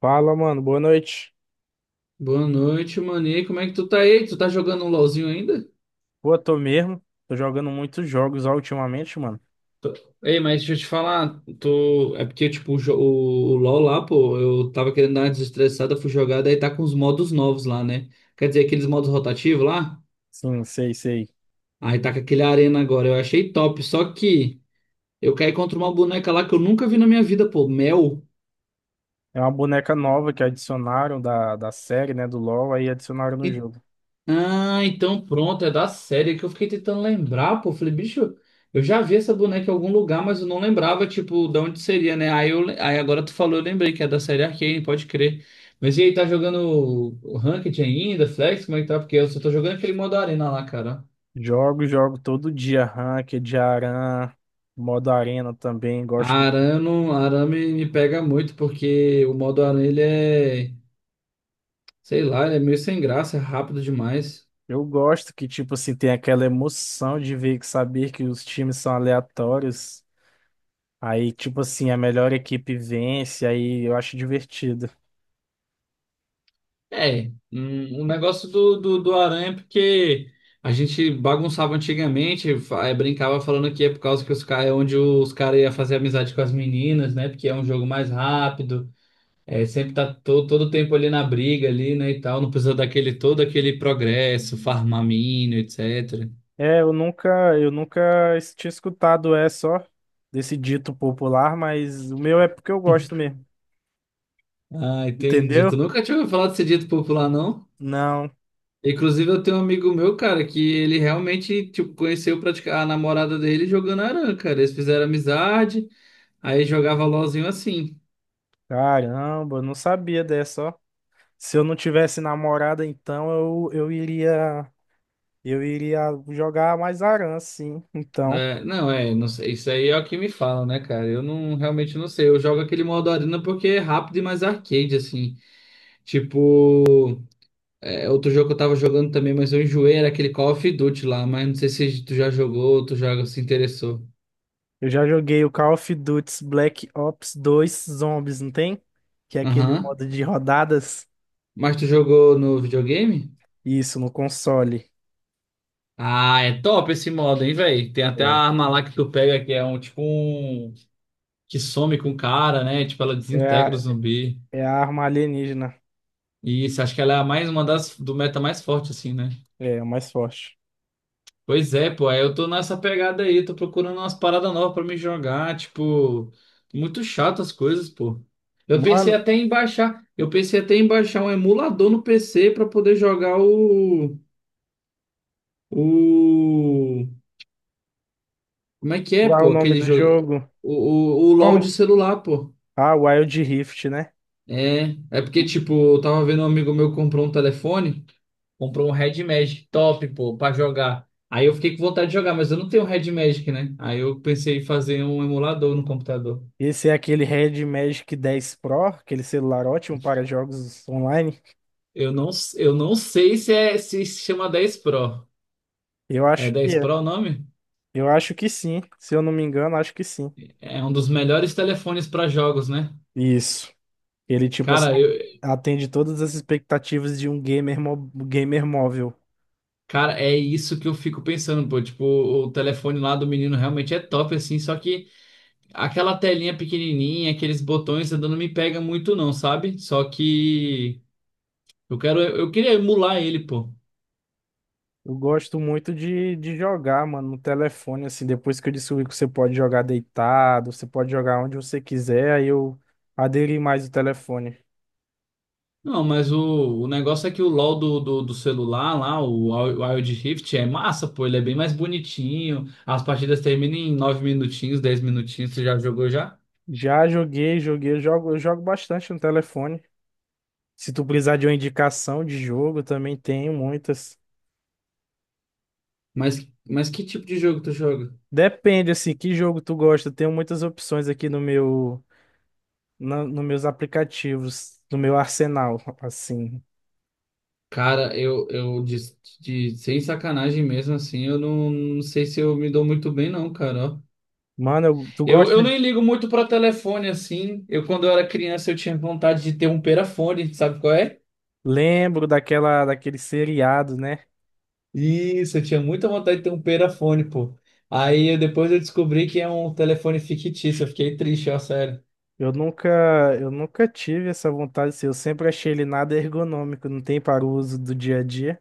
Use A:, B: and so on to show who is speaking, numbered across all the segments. A: Fala, mano. Boa noite.
B: Boa noite, Mani. Como é que tu tá aí? Tu tá jogando um LOLzinho ainda?
A: Pô, tô mesmo. Tô jogando muitos jogos ó, ultimamente, mano.
B: Ei, mas deixa eu te falar, é porque, tipo, o LOL lá, pô, eu tava querendo dar uma desestressada, fui jogar, daí tá com os modos novos lá, né? Quer dizer, aqueles modos rotativos lá?
A: Sim, sei, sei.
B: Aí tá com aquele arena agora, eu achei top, só que eu caí contra uma boneca lá que eu nunca vi na minha vida, pô, Mel.
A: É uma boneca nova que adicionaram da série, né, do LoL, aí adicionaram no jogo.
B: Ah, então pronto, é da série que eu fiquei tentando lembrar, pô. Falei, bicho, eu já vi essa boneca em algum lugar, mas eu não lembrava, tipo, de onde seria, né? Aí agora tu falou, eu lembrei que é da série Arcane, pode crer. Mas e aí, tá jogando o Ranked ainda, Flex? Como é que tá? Porque eu só tô jogando aquele modo arena lá, cara.
A: Jogo, jogo todo dia, ranked, modo arena também, gosto.
B: Arame me pega muito, porque o modo arena, sei lá, ele é meio sem graça, é rápido demais.
A: Eu gosto que, tipo assim, tem aquela emoção de ver, que saber que os times são aleatórios. Aí, tipo assim, a melhor equipe vence, aí eu acho divertido.
B: É, o negócio do aranha é porque a gente bagunçava antigamente, brincava falando que é por causa que os caras é onde os caras iam fazer amizade com as meninas, né? Porque é um jogo mais rápido, é, sempre tá todo tempo ali na briga ali, né, e tal, não precisa daquele todo aquele progresso, farmar mina, etc.
A: É, eu nunca tinha escutado essa, ó, desse dito popular, mas o meu é porque eu gosto mesmo.
B: Ah, entendi. Tu
A: Entendeu?
B: nunca tinha ouvido falar desse dito popular, não?
A: Não.
B: Inclusive, eu tenho um amigo meu, cara, que ele realmente, tipo, conheceu a namorada dele jogando aranha, cara. Eles fizeram amizade. Aí jogava LOLzinho assim.
A: Caramba, eu não sabia dessa, ó. Se eu não tivesse namorada, então eu, eu iria, eu iria jogar mais sim. Então,
B: É, não sei, isso aí é o que me falam, né, cara? Eu não realmente não sei. Eu jogo aquele modo arena porque é rápido e mais arcade, assim. Tipo, é, outro jogo que eu tava jogando também, mas eu enjoei, era aquele Call of Duty lá, mas não sei se tu já jogou ou tu joga, se interessou.
A: eu já joguei o Call of Duty Black Ops 2 Zombies, não tem? Que é aquele
B: Aham.
A: modo de rodadas.
B: Mas tu jogou no videogame?
A: Isso, no console.
B: Ah, é top esse modo, hein, velho? Tem até a
A: É,
B: arma lá que tu pega que é um tipo um. Que some com o cara, né? Tipo, ela
A: é
B: desintegra o
A: a,
B: zumbi.
A: é a arma alienígena.
B: Isso, acho que ela é a mais uma das do meta mais forte, assim, né?
A: É, a mais forte.
B: Pois é, pô, aí eu tô nessa pegada aí, tô procurando umas paradas novas pra me jogar, tipo, muito chato as coisas, pô.
A: Mano,
B: Eu pensei até em baixar um emulador no PC pra poder jogar o, como é que é,
A: qual é o
B: pô,
A: nome
B: aquele
A: do
B: jogo,
A: jogo?
B: o LoL de
A: Como?
B: celular, pô.
A: Ah, Wild Rift, né?
B: É porque, tipo, eu tava vendo um amigo meu comprou um telefone. Comprou um Red Magic top, pô, pra jogar. Aí eu fiquei com vontade de jogar, mas eu não tenho Red Magic, né? Aí eu pensei em fazer um emulador no computador.
A: Esse é aquele Red Magic 10 Pro, aquele celular ótimo para jogos online.
B: Eu não, eu não sei se chama 10 Pro.
A: Eu
B: É
A: acho
B: 10
A: que
B: Pro
A: é.
B: o nome?
A: Eu acho que sim. Se eu não me engano, acho que sim.
B: É um dos melhores telefones para jogos, né?
A: Isso. Ele, tipo assim,
B: Cara,
A: atende todas as expectativas de um gamer, gamer móvel.
B: cara, é isso que eu fico pensando, pô. Tipo, o telefone lá do menino realmente é top, assim. Só que aquela telinha pequenininha, aqueles botões ainda não me pega muito, não, sabe? Só que eu quero, eu queria emular ele, pô.
A: Eu gosto muito de jogar, mano, no telefone, assim, depois que eu descobri que você pode jogar deitado, você pode jogar onde você quiser, aí eu aderi mais o telefone.
B: Não, mas o negócio é que o LoL do celular lá, o Wild Rift, é massa, pô. Ele é bem mais bonitinho. As partidas terminam em 9 minutinhos, 10 minutinhos. Você já jogou já?
A: Já joguei, joguei, eu jogo bastante no telefone. Se tu precisar de uma indicação de jogo, também tenho muitas.
B: Mas que tipo de jogo tu joga?
A: Depende, assim, que jogo tu gosta. Eu tenho muitas opções aqui no meu, nos meus aplicativos, no meu arsenal, assim.
B: Cara, sem sacanagem mesmo, assim, eu não sei se eu me dou muito bem, não, cara, ó.
A: Mano, tu
B: Eu,
A: gosta?
B: eu nem ligo muito pra telefone, assim. Quando eu era criança, eu tinha vontade de ter um perafone, sabe qual é?
A: Lembro daquele seriado, né?
B: Isso, eu tinha muita vontade de ter um perafone, pô. Depois eu descobri que é um telefone fictício, eu fiquei triste, ó, sério.
A: Eu nunca, eu nunca tive essa vontade, assim, eu sempre achei ele nada ergonômico, não tem para o uso do dia a dia.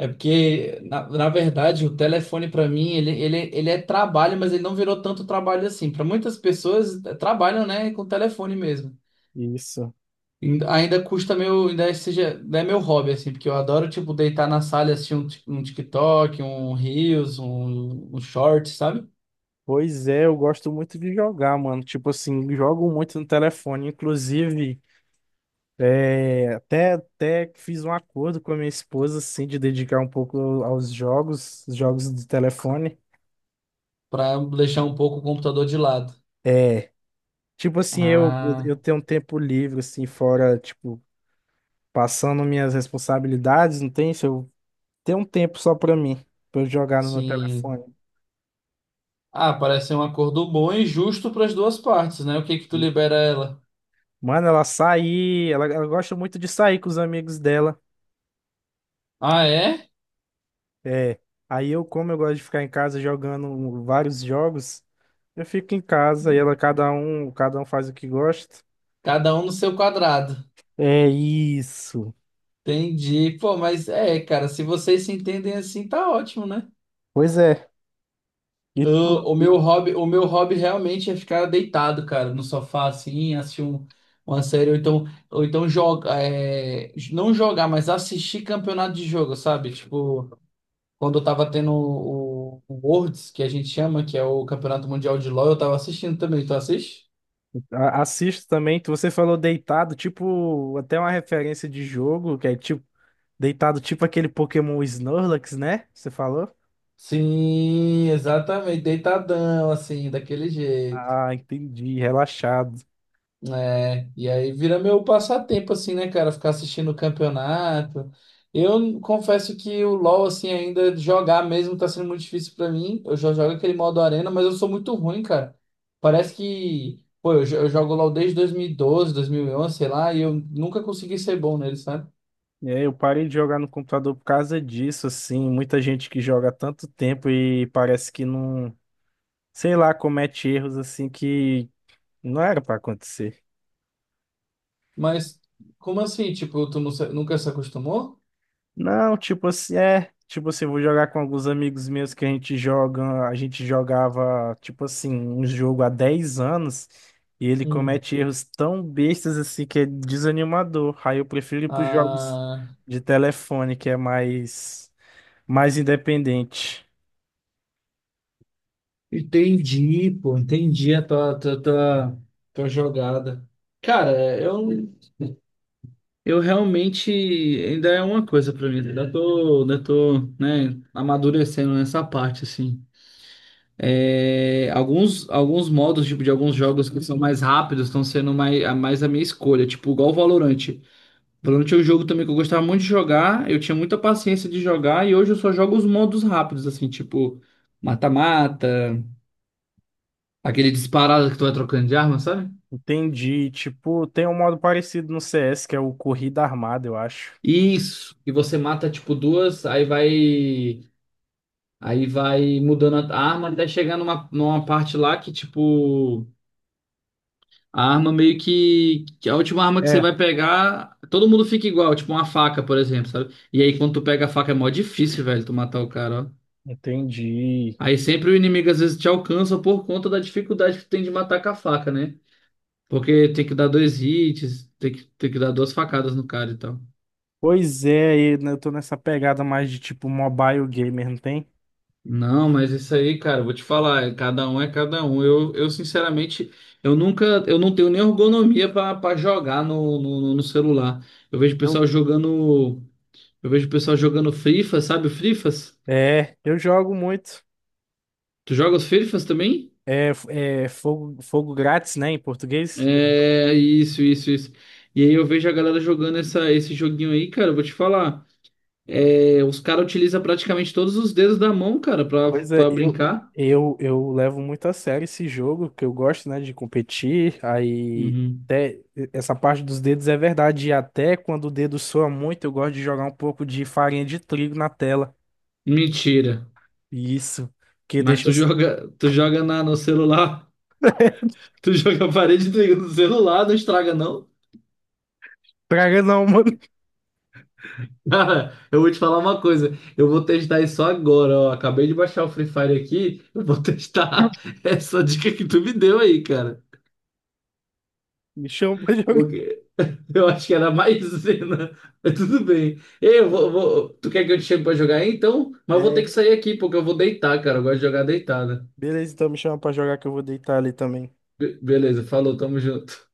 B: É porque, na verdade, o telefone pra mim, ele é trabalho, mas ele não virou tanto trabalho assim. Pra muitas pessoas, trabalham, né, com telefone mesmo.
A: Isso.
B: Ainda custa meu, ainda é, seja, ainda é meu hobby, assim, porque eu adoro, tipo, deitar na sala e assistir um TikTok, um Reels, um Short, sabe?
A: Pois é, eu gosto muito de jogar, mano. Tipo assim, jogo muito no telefone. Inclusive, é, até fiz um acordo com a minha esposa, assim, de dedicar um pouco aos jogos, jogos de telefone.
B: Pra deixar um pouco o computador de lado.
A: É, tipo assim, eu,
B: Ah,
A: eu tenho um tempo livre, assim, fora, tipo, passando minhas responsabilidades, não tem? Se eu tenho um tempo só pra mim, pra eu jogar no meu
B: sim.
A: telefone.
B: Ah, parece ser um acordo bom e justo para as duas partes, né? O que que tu libera ela?
A: Mano, ela sai, ela gosta muito de sair com os amigos dela.
B: Ah, é?
A: É, aí eu, como eu gosto de ficar em casa jogando vários jogos, eu fico em casa e ela cada um faz o que gosta.
B: Cada um no seu quadrado.
A: É isso.
B: Entendi. Pô, mas é, cara, se vocês se entendem assim, tá ótimo, né?
A: Pois é. E
B: Ah,
A: tu
B: o
A: e
B: meu hobby, o meu hobby realmente é ficar deitado, cara, no sofá assim, assistir uma série ou então, joga, é, não jogar, mas assistir campeonato de jogo, sabe? Tipo, quando eu tava tendo o Worlds, que a gente chama, que é o Campeonato Mundial de LoL, eu tava assistindo também. Tu assiste?
A: assisto também, você falou deitado, tipo, até uma referência de jogo, que é tipo deitado tipo aquele Pokémon Snorlax, né? Você falou?
B: Sim, exatamente, deitadão, assim, daquele jeito,
A: Ah, entendi, relaxado.
B: né? E aí vira meu passatempo, assim, né, cara, ficar assistindo o campeonato. Eu confesso que o LoL, assim, ainda jogar mesmo tá sendo muito difícil pra mim. Eu já jogo aquele modo arena, mas eu sou muito ruim, cara. Parece que, pô, eu jogo LoL desde 2012, 11 sei lá, e eu nunca consegui ser bom nele, sabe?
A: É, eu parei de jogar no computador por causa disso, assim, muita gente que joga há tanto tempo e parece que não sei lá, comete erros assim que não era pra acontecer.
B: Mas, como assim? Tipo, tu nunca se acostumou?
A: Não, tipo assim, é, tipo assim, vou jogar com alguns amigos meus que a gente joga, a gente jogava, tipo assim, um jogo há 10 anos e ele
B: Hum.
A: comete erros tão bestas assim que é desanimador. Aí eu prefiro ir pros jogos
B: Ah.
A: de telefone, que é mais independente.
B: Entendi, pô, entendi a tua jogada. Cara, eu realmente ainda é uma coisa pra mim, ainda tô, né, amadurecendo nessa parte, assim. É, alguns modos, tipo, de alguns jogos que são mais rápidos estão sendo mais, mais a minha escolha, tipo, igual o Valorant. Valorant é um jogo também que eu gostava muito de jogar, eu tinha muita paciência de jogar e hoje eu só jogo os modos rápidos, assim, tipo, mata-mata, aquele disparado que tu vai trocando de arma, sabe?
A: Entendi, tipo, tem um modo parecido no CS, que é o corrida armada, eu acho.
B: Isso. E você mata tipo duas, aí vai. Aí vai mudando a arma até chegar numa parte lá que, tipo, a arma meio que a última arma que você
A: É,
B: vai pegar, todo mundo fica igual, tipo uma faca, por exemplo, sabe? E aí quando tu pega a faca é mó difícil, velho, tu matar o cara, ó.
A: entendi.
B: Aí sempre o inimigo às vezes te alcança por conta da dificuldade que tu tem de matar com a faca, né? Porque tem que dar dois hits, tem que dar duas facadas no cara e tal.
A: Pois é, e, né, eu tô nessa pegada mais de tipo mobile gamer, não tem?
B: Não, mas isso aí, cara, eu vou te falar, é cada um é cada um. Eu sinceramente, eu nunca, eu não tenho nem ergonomia para jogar no celular. Eu vejo o
A: Eu-
B: pessoal jogando, eu vejo o pessoal jogando FIFA, sabe o Frifas?
A: é, eu jogo muito.
B: Tu joga os Frifas também?
A: É, é fogo, grátis, né, em português.
B: É, isso, isso, isso. E aí eu vejo a galera jogando essa, esse joguinho aí, cara, eu vou te falar. É, os caras utilizam praticamente todos os dedos da mão, cara, pra,
A: Pois é,
B: pra
A: eu,
B: brincar.
A: eu, eu levo muito a sério esse jogo, que eu gosto, né, de competir. Aí,
B: Uhum.
A: até essa parte dos dedos é verdade. E até quando o dedo soa muito, eu gosto de jogar um pouco de farinha de trigo na tela.
B: Mentira.
A: Isso, que
B: Mas
A: deixa.
B: tu joga na, no celular? Tu joga a parede do celular, não estraga, não?
A: Praga não, mano.
B: Cara, eu vou te falar uma coisa. Eu vou testar isso agora, ó. Acabei de baixar o Free Fire aqui. Eu vou testar essa dica que tu me deu aí, cara.
A: Me chama pra jogar.
B: Porque eu acho que era maisena. Mas tudo bem. Ei, tu quer que eu te chame pra jogar aí, então? Mas eu vou ter que
A: É.
B: sair aqui, porque eu vou deitar, cara. Eu gosto de jogar deitada.
A: Beleza, então me chama pra jogar que eu vou deitar ali também.
B: Beleza, falou, tamo junto.